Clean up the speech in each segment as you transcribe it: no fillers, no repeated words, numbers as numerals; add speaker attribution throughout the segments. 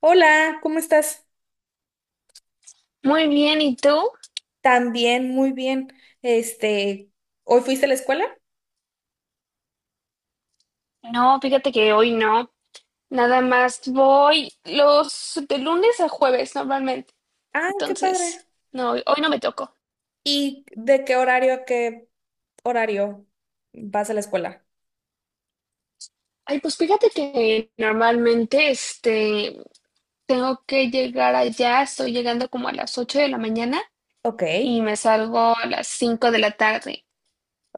Speaker 1: Hola, ¿cómo estás?
Speaker 2: Muy bien, ¿y tú?
Speaker 1: También, muy bien. Este, ¿hoy fuiste a la escuela?
Speaker 2: No, fíjate que hoy no. Nada más voy los de lunes a jueves normalmente.
Speaker 1: Ah, qué padre.
Speaker 2: Entonces, no, hoy no me tocó.
Speaker 1: ¿Y de qué horario a qué horario vas a la escuela?
Speaker 2: Ay, pues fíjate que normalmente tengo que llegar allá, estoy llegando como a las 8 de la mañana
Speaker 1: Ok.
Speaker 2: y me salgo a las 5 de la tarde.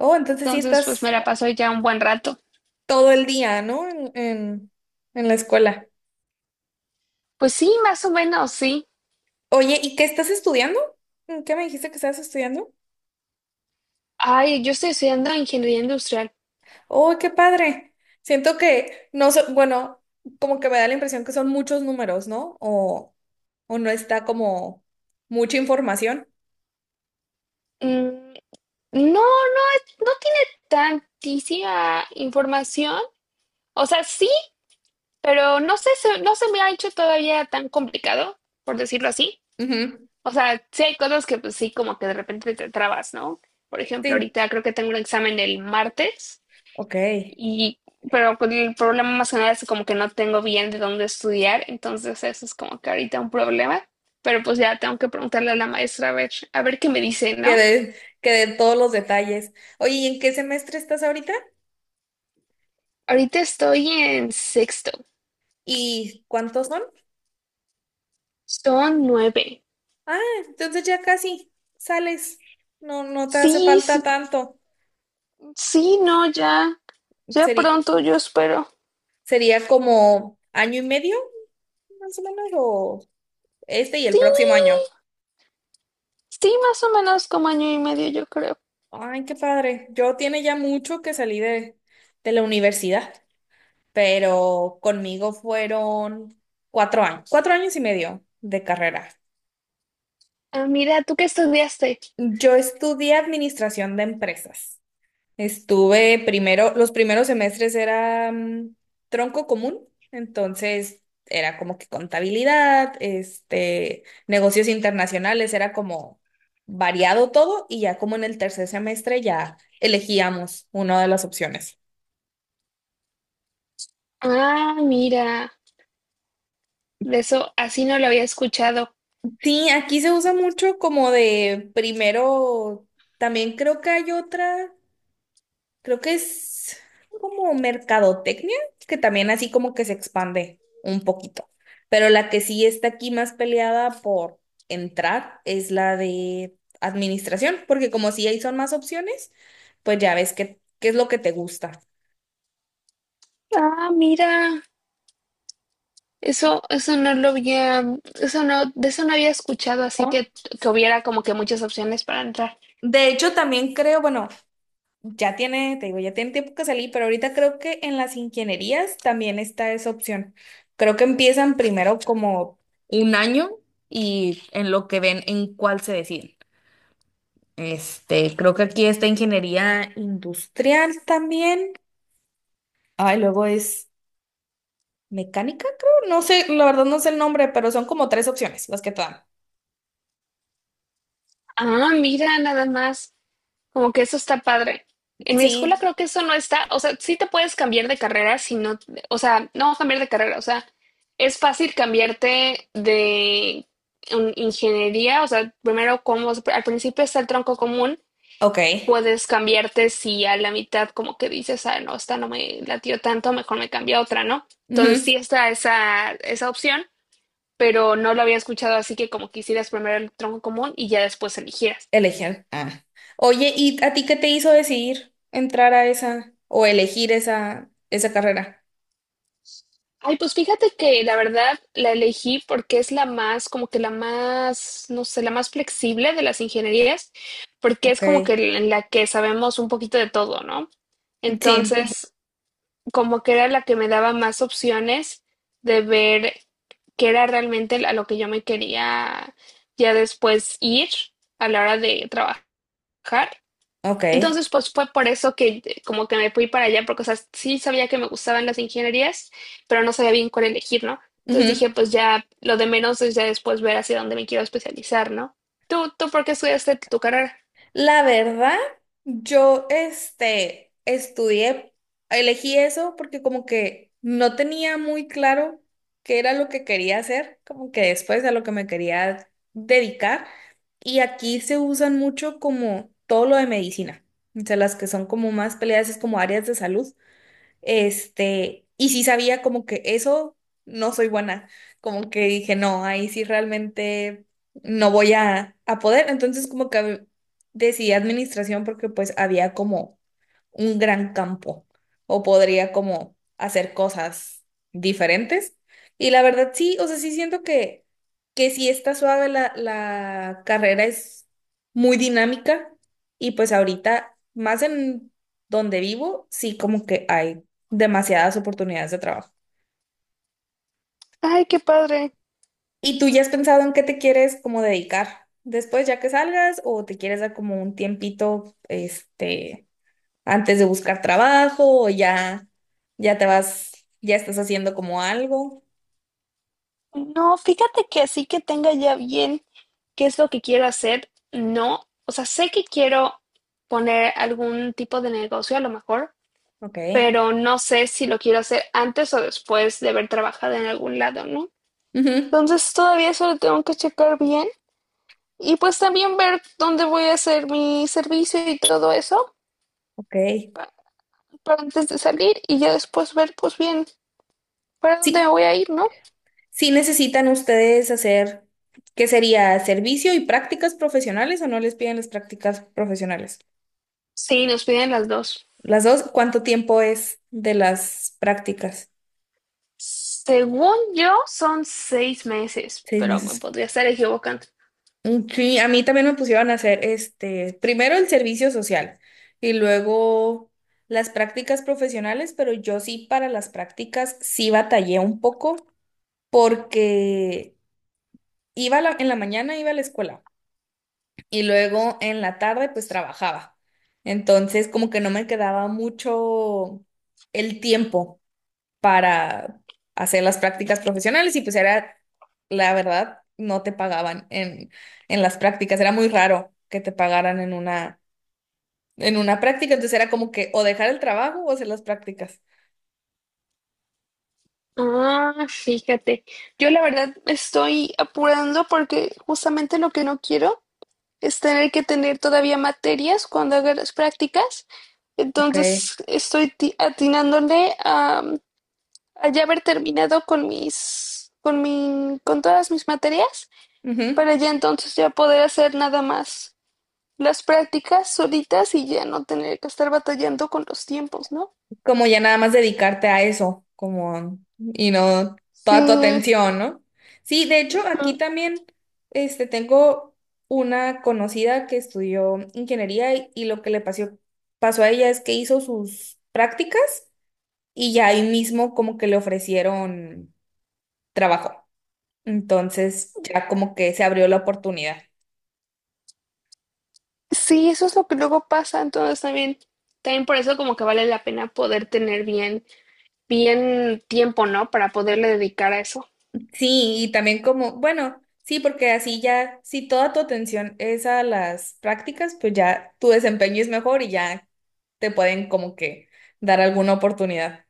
Speaker 1: Oh, entonces sí
Speaker 2: Entonces, pues me
Speaker 1: estás
Speaker 2: la paso ya un buen rato.
Speaker 1: todo el día, ¿no? En la escuela.
Speaker 2: Pues sí, más o menos, sí.
Speaker 1: Oye, ¿y qué estás estudiando? ¿Qué me dijiste que estabas estudiando?
Speaker 2: Ay, yo estoy estudiando ingeniería industrial.
Speaker 1: Oh, qué padre. Siento que no so- bueno, como que me da la impresión que son muchos números, ¿no? O no está como mucha información.
Speaker 2: Mm, no, no, no tiene tantísima información. O sea, sí, pero no sé, no se me ha hecho todavía tan complicado, por decirlo así.
Speaker 1: Ujú,
Speaker 2: O sea, sí hay cosas que pues sí, como que de repente te trabas, ¿no? Por ejemplo,
Speaker 1: sí,
Speaker 2: ahorita creo que tengo un examen el martes
Speaker 1: ok.
Speaker 2: y, pero con el problema más que nada es como que no tengo bien de dónde estudiar, entonces eso es como que ahorita un problema. Pero pues ya tengo que preguntarle a la maestra a ver qué me dice, ¿no?
Speaker 1: Quedé, quedé en todos los detalles. Oye, ¿y en qué semestre estás ahorita?
Speaker 2: Ahorita estoy en sexto.
Speaker 1: ¿Y cuántos son?
Speaker 2: Son nueve.
Speaker 1: Ah, entonces ya casi sales. No, no te hace
Speaker 2: Sí,
Speaker 1: falta tanto.
Speaker 2: sí, no, ya, ya
Speaker 1: Sería,
Speaker 2: pronto, yo espero.
Speaker 1: sería como año y medio, más o menos, o este y el
Speaker 2: Sí,
Speaker 1: próximo año.
Speaker 2: sí, más o menos como año y medio, yo creo.
Speaker 1: Ay, qué padre. Yo tiene ya mucho que salí de la universidad, pero conmigo fueron 4 años, 4 años y medio de carrera.
Speaker 2: Ah, mira, ¿tú qué estudiaste?
Speaker 1: Yo estudié administración de empresas. Estuve primero, los primeros semestres era tronco común, entonces era como que contabilidad, este, negocios internacionales, era como variado todo y ya como en el tercer semestre ya elegíamos una de las opciones.
Speaker 2: Ah, mira, de eso así no lo había escuchado.
Speaker 1: Sí, aquí se usa mucho como de primero, también creo que hay otra. Creo que es como mercadotecnia, que también así como que se expande un poquito. Pero la que sí está aquí más peleada por entrar es la de administración, porque como sí ahí son más opciones, pues ya ves qué es lo que te gusta,
Speaker 2: Ah, mira, eso no lo había, eso no, de eso no había escuchado, así
Speaker 1: ¿no?
Speaker 2: que hubiera como que muchas opciones para entrar.
Speaker 1: De hecho, también creo, bueno, ya tiene, te digo, ya tiene tiempo que salí, pero ahorita creo que en las ingenierías también está esa opción. Creo que empiezan primero como un año y en lo que ven en cuál se deciden. Este, creo que aquí está ingeniería industrial también. Ay, luego es mecánica, creo. No sé, la verdad no sé el nombre, pero son como tres opciones las que te dan.
Speaker 2: Ah, mira, nada más. Como que eso está padre. En mi escuela
Speaker 1: Sí,
Speaker 2: creo que eso no está, o sea, sí te puedes cambiar de carrera si no, o sea, no cambiar de carrera, o sea, es fácil cambiarte de ingeniería, o sea, primero como al principio está el tronco común,
Speaker 1: ok.
Speaker 2: puedes cambiarte si a la mitad como que dices, ah, no, esta no me latió tanto, mejor me cambio a otra, ¿no? Entonces
Speaker 1: Ujú.
Speaker 2: sí está esa, esa opción, pero no lo había escuchado así que como que hicieras primero el tronco común y ya después eligieras.
Speaker 1: Elegir. Ah. Oye, ¿y a ti qué te hizo decidir entrar a esa o elegir esa carrera?
Speaker 2: Ay, pues fíjate que la verdad la elegí porque es la más, como que la más, no sé, la más flexible de las ingenierías, porque es
Speaker 1: Ok.
Speaker 2: como que en la que sabemos un poquito de todo, ¿no?
Speaker 1: Sí,
Speaker 2: Entonces, como que era la que me daba más opciones de ver qué era realmente a lo que yo me quería ya después ir a la hora de trabajar.
Speaker 1: ok.
Speaker 2: Entonces, pues fue por eso que como que me fui para allá, porque, o sea, sí sabía que me gustaban las ingenierías, pero no sabía bien cuál elegir, ¿no? Entonces dije, pues ya lo de menos es ya después ver hacia dónde me quiero especializar, ¿no? ¿Tú por qué estudiaste tu carrera?
Speaker 1: La verdad, yo este, estudié, elegí eso porque como que no tenía muy claro qué era lo que quería hacer, como que después a lo que me quería dedicar. Y aquí se usan mucho como todo lo de medicina, o sea, las que son como más peleadas es como áreas de salud. Este, y sí sabía como que eso no soy buena, como que dije, no, ahí sí realmente no voy a poder. Entonces como que decidí administración porque pues había como un gran campo o podría como hacer cosas diferentes. Y la verdad sí, o sea, sí siento que sí está suave la carrera, es muy dinámica y pues ahorita más en donde vivo, sí como que hay demasiadas oportunidades de trabajo.
Speaker 2: Ay, qué padre.
Speaker 1: ¿Y tú ya has pensado en qué te quieres como dedicar después ya que salgas o te quieres dar como un tiempito este antes de buscar trabajo o ya ya te vas ya estás haciendo como algo?
Speaker 2: No, fíjate que así que tenga ya bien ¿Qué es lo que quiero hacer? No, o sea, sé que quiero poner algún tipo de negocio a lo mejor,
Speaker 1: Ok.
Speaker 2: pero no sé si lo quiero hacer antes o después de haber trabajado en algún lado, ¿no?
Speaker 1: Ujú,
Speaker 2: Entonces todavía eso lo tengo que checar bien y pues también ver dónde voy a hacer mi servicio y todo eso
Speaker 1: ok.
Speaker 2: pa- para, antes de salir y ya después ver pues bien para dónde me
Speaker 1: Sí,
Speaker 2: voy a ir, ¿no?
Speaker 1: sí necesitan ustedes hacer, ¿qué sería servicio y prácticas profesionales o no les piden las prácticas profesionales?
Speaker 2: Sí, nos piden las dos.
Speaker 1: Las dos, ¿cuánto tiempo es de las prácticas?
Speaker 2: Según yo son 6 meses,
Speaker 1: Seis
Speaker 2: pero me
Speaker 1: meses.
Speaker 2: podría estar equivocando.
Speaker 1: Mm, sí, a mí también me pusieron a hacer este, primero el servicio social y luego las prácticas profesionales, pero yo sí para las prácticas sí batallé un poco porque iba en la mañana iba a la escuela y luego en la tarde pues trabajaba. Entonces como que no me quedaba mucho el tiempo para hacer las prácticas profesionales y pues era, la verdad, no te pagaban en las prácticas, era muy raro que te pagaran en una práctica, entonces era como que o dejar el trabajo o hacer las prácticas.
Speaker 2: Ah, fíjate, yo la verdad me estoy apurando porque justamente lo que no quiero es tener que tener todavía materias cuando haga las prácticas.
Speaker 1: Ok.
Speaker 2: Entonces estoy atinándole a ya haber terminado con todas mis materias,
Speaker 1: Ujú.
Speaker 2: para ya entonces ya poder hacer nada más las prácticas solitas y ya no tener que estar batallando con los tiempos, ¿no?
Speaker 1: Como ya nada más dedicarte a eso, como, y no
Speaker 2: Sí,
Speaker 1: toda tu atención, ¿no? Sí, de hecho, aquí también, este, tengo una conocida que estudió ingeniería y lo que le pasó, pasó a ella es que hizo sus prácticas y ya ahí mismo como que le ofrecieron trabajo. Entonces ya como que se abrió la oportunidad.
Speaker 2: sí, eso es lo que luego pasa. Entonces también por eso como que vale la pena poder tener bien, bien tiempo, ¿no? Para poderle dedicar a eso.
Speaker 1: Sí, y también como, bueno, sí, porque así ya, si toda tu atención es a las prácticas, pues ya tu desempeño es mejor y ya te pueden como que dar alguna oportunidad.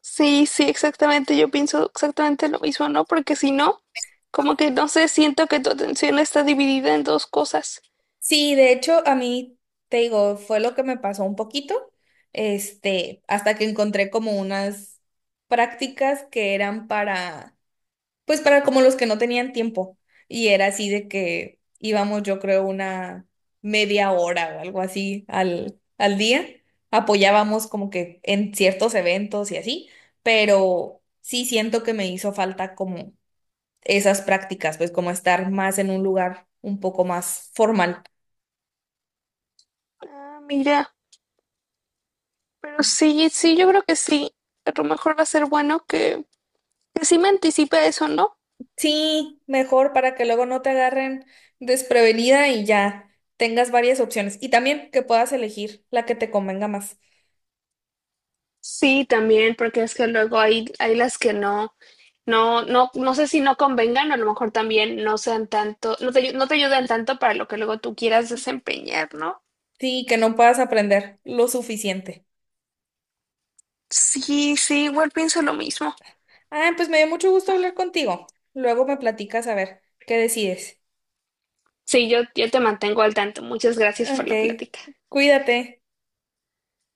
Speaker 2: Sí, sí, exactamente. Yo pienso exactamente lo mismo, ¿no? Porque si no, como que no sé, siento que tu atención está dividida en dos cosas.
Speaker 1: Sí, de hecho, a mí, te digo, fue lo que me pasó un poquito, este, hasta que encontré como unas prácticas que eran para pues para como los que no tenían tiempo. Y era así de que íbamos, yo creo, una media hora o algo así al día. Apoyábamos como que en ciertos eventos y así, pero sí siento que me hizo falta como esas prácticas, pues como estar más en un lugar un poco más formal.
Speaker 2: Ah, mira, pero sí, sí, yo creo que sí. A lo mejor va a ser bueno que sí me anticipe a eso, ¿no?
Speaker 1: Sí, mejor para que luego no te agarren desprevenida y ya tengas varias opciones. Y también que puedas elegir la que te convenga más.
Speaker 2: Sí, también, porque es que luego hay las que no, no, no, no sé si no convengan, o a lo mejor también no sean tanto, no te ayudan tanto para lo que luego tú quieras desempeñar, ¿no?
Speaker 1: Sí, que no puedas aprender lo suficiente.
Speaker 2: Sí, sí, igual pienso lo mismo.
Speaker 1: Ah, pues me dio mucho gusto hablar contigo. Luego me platicas a ver qué decides.
Speaker 2: Sí, yo te mantengo al tanto. Muchas gracias por la
Speaker 1: Ok,
Speaker 2: plática.
Speaker 1: cuídate.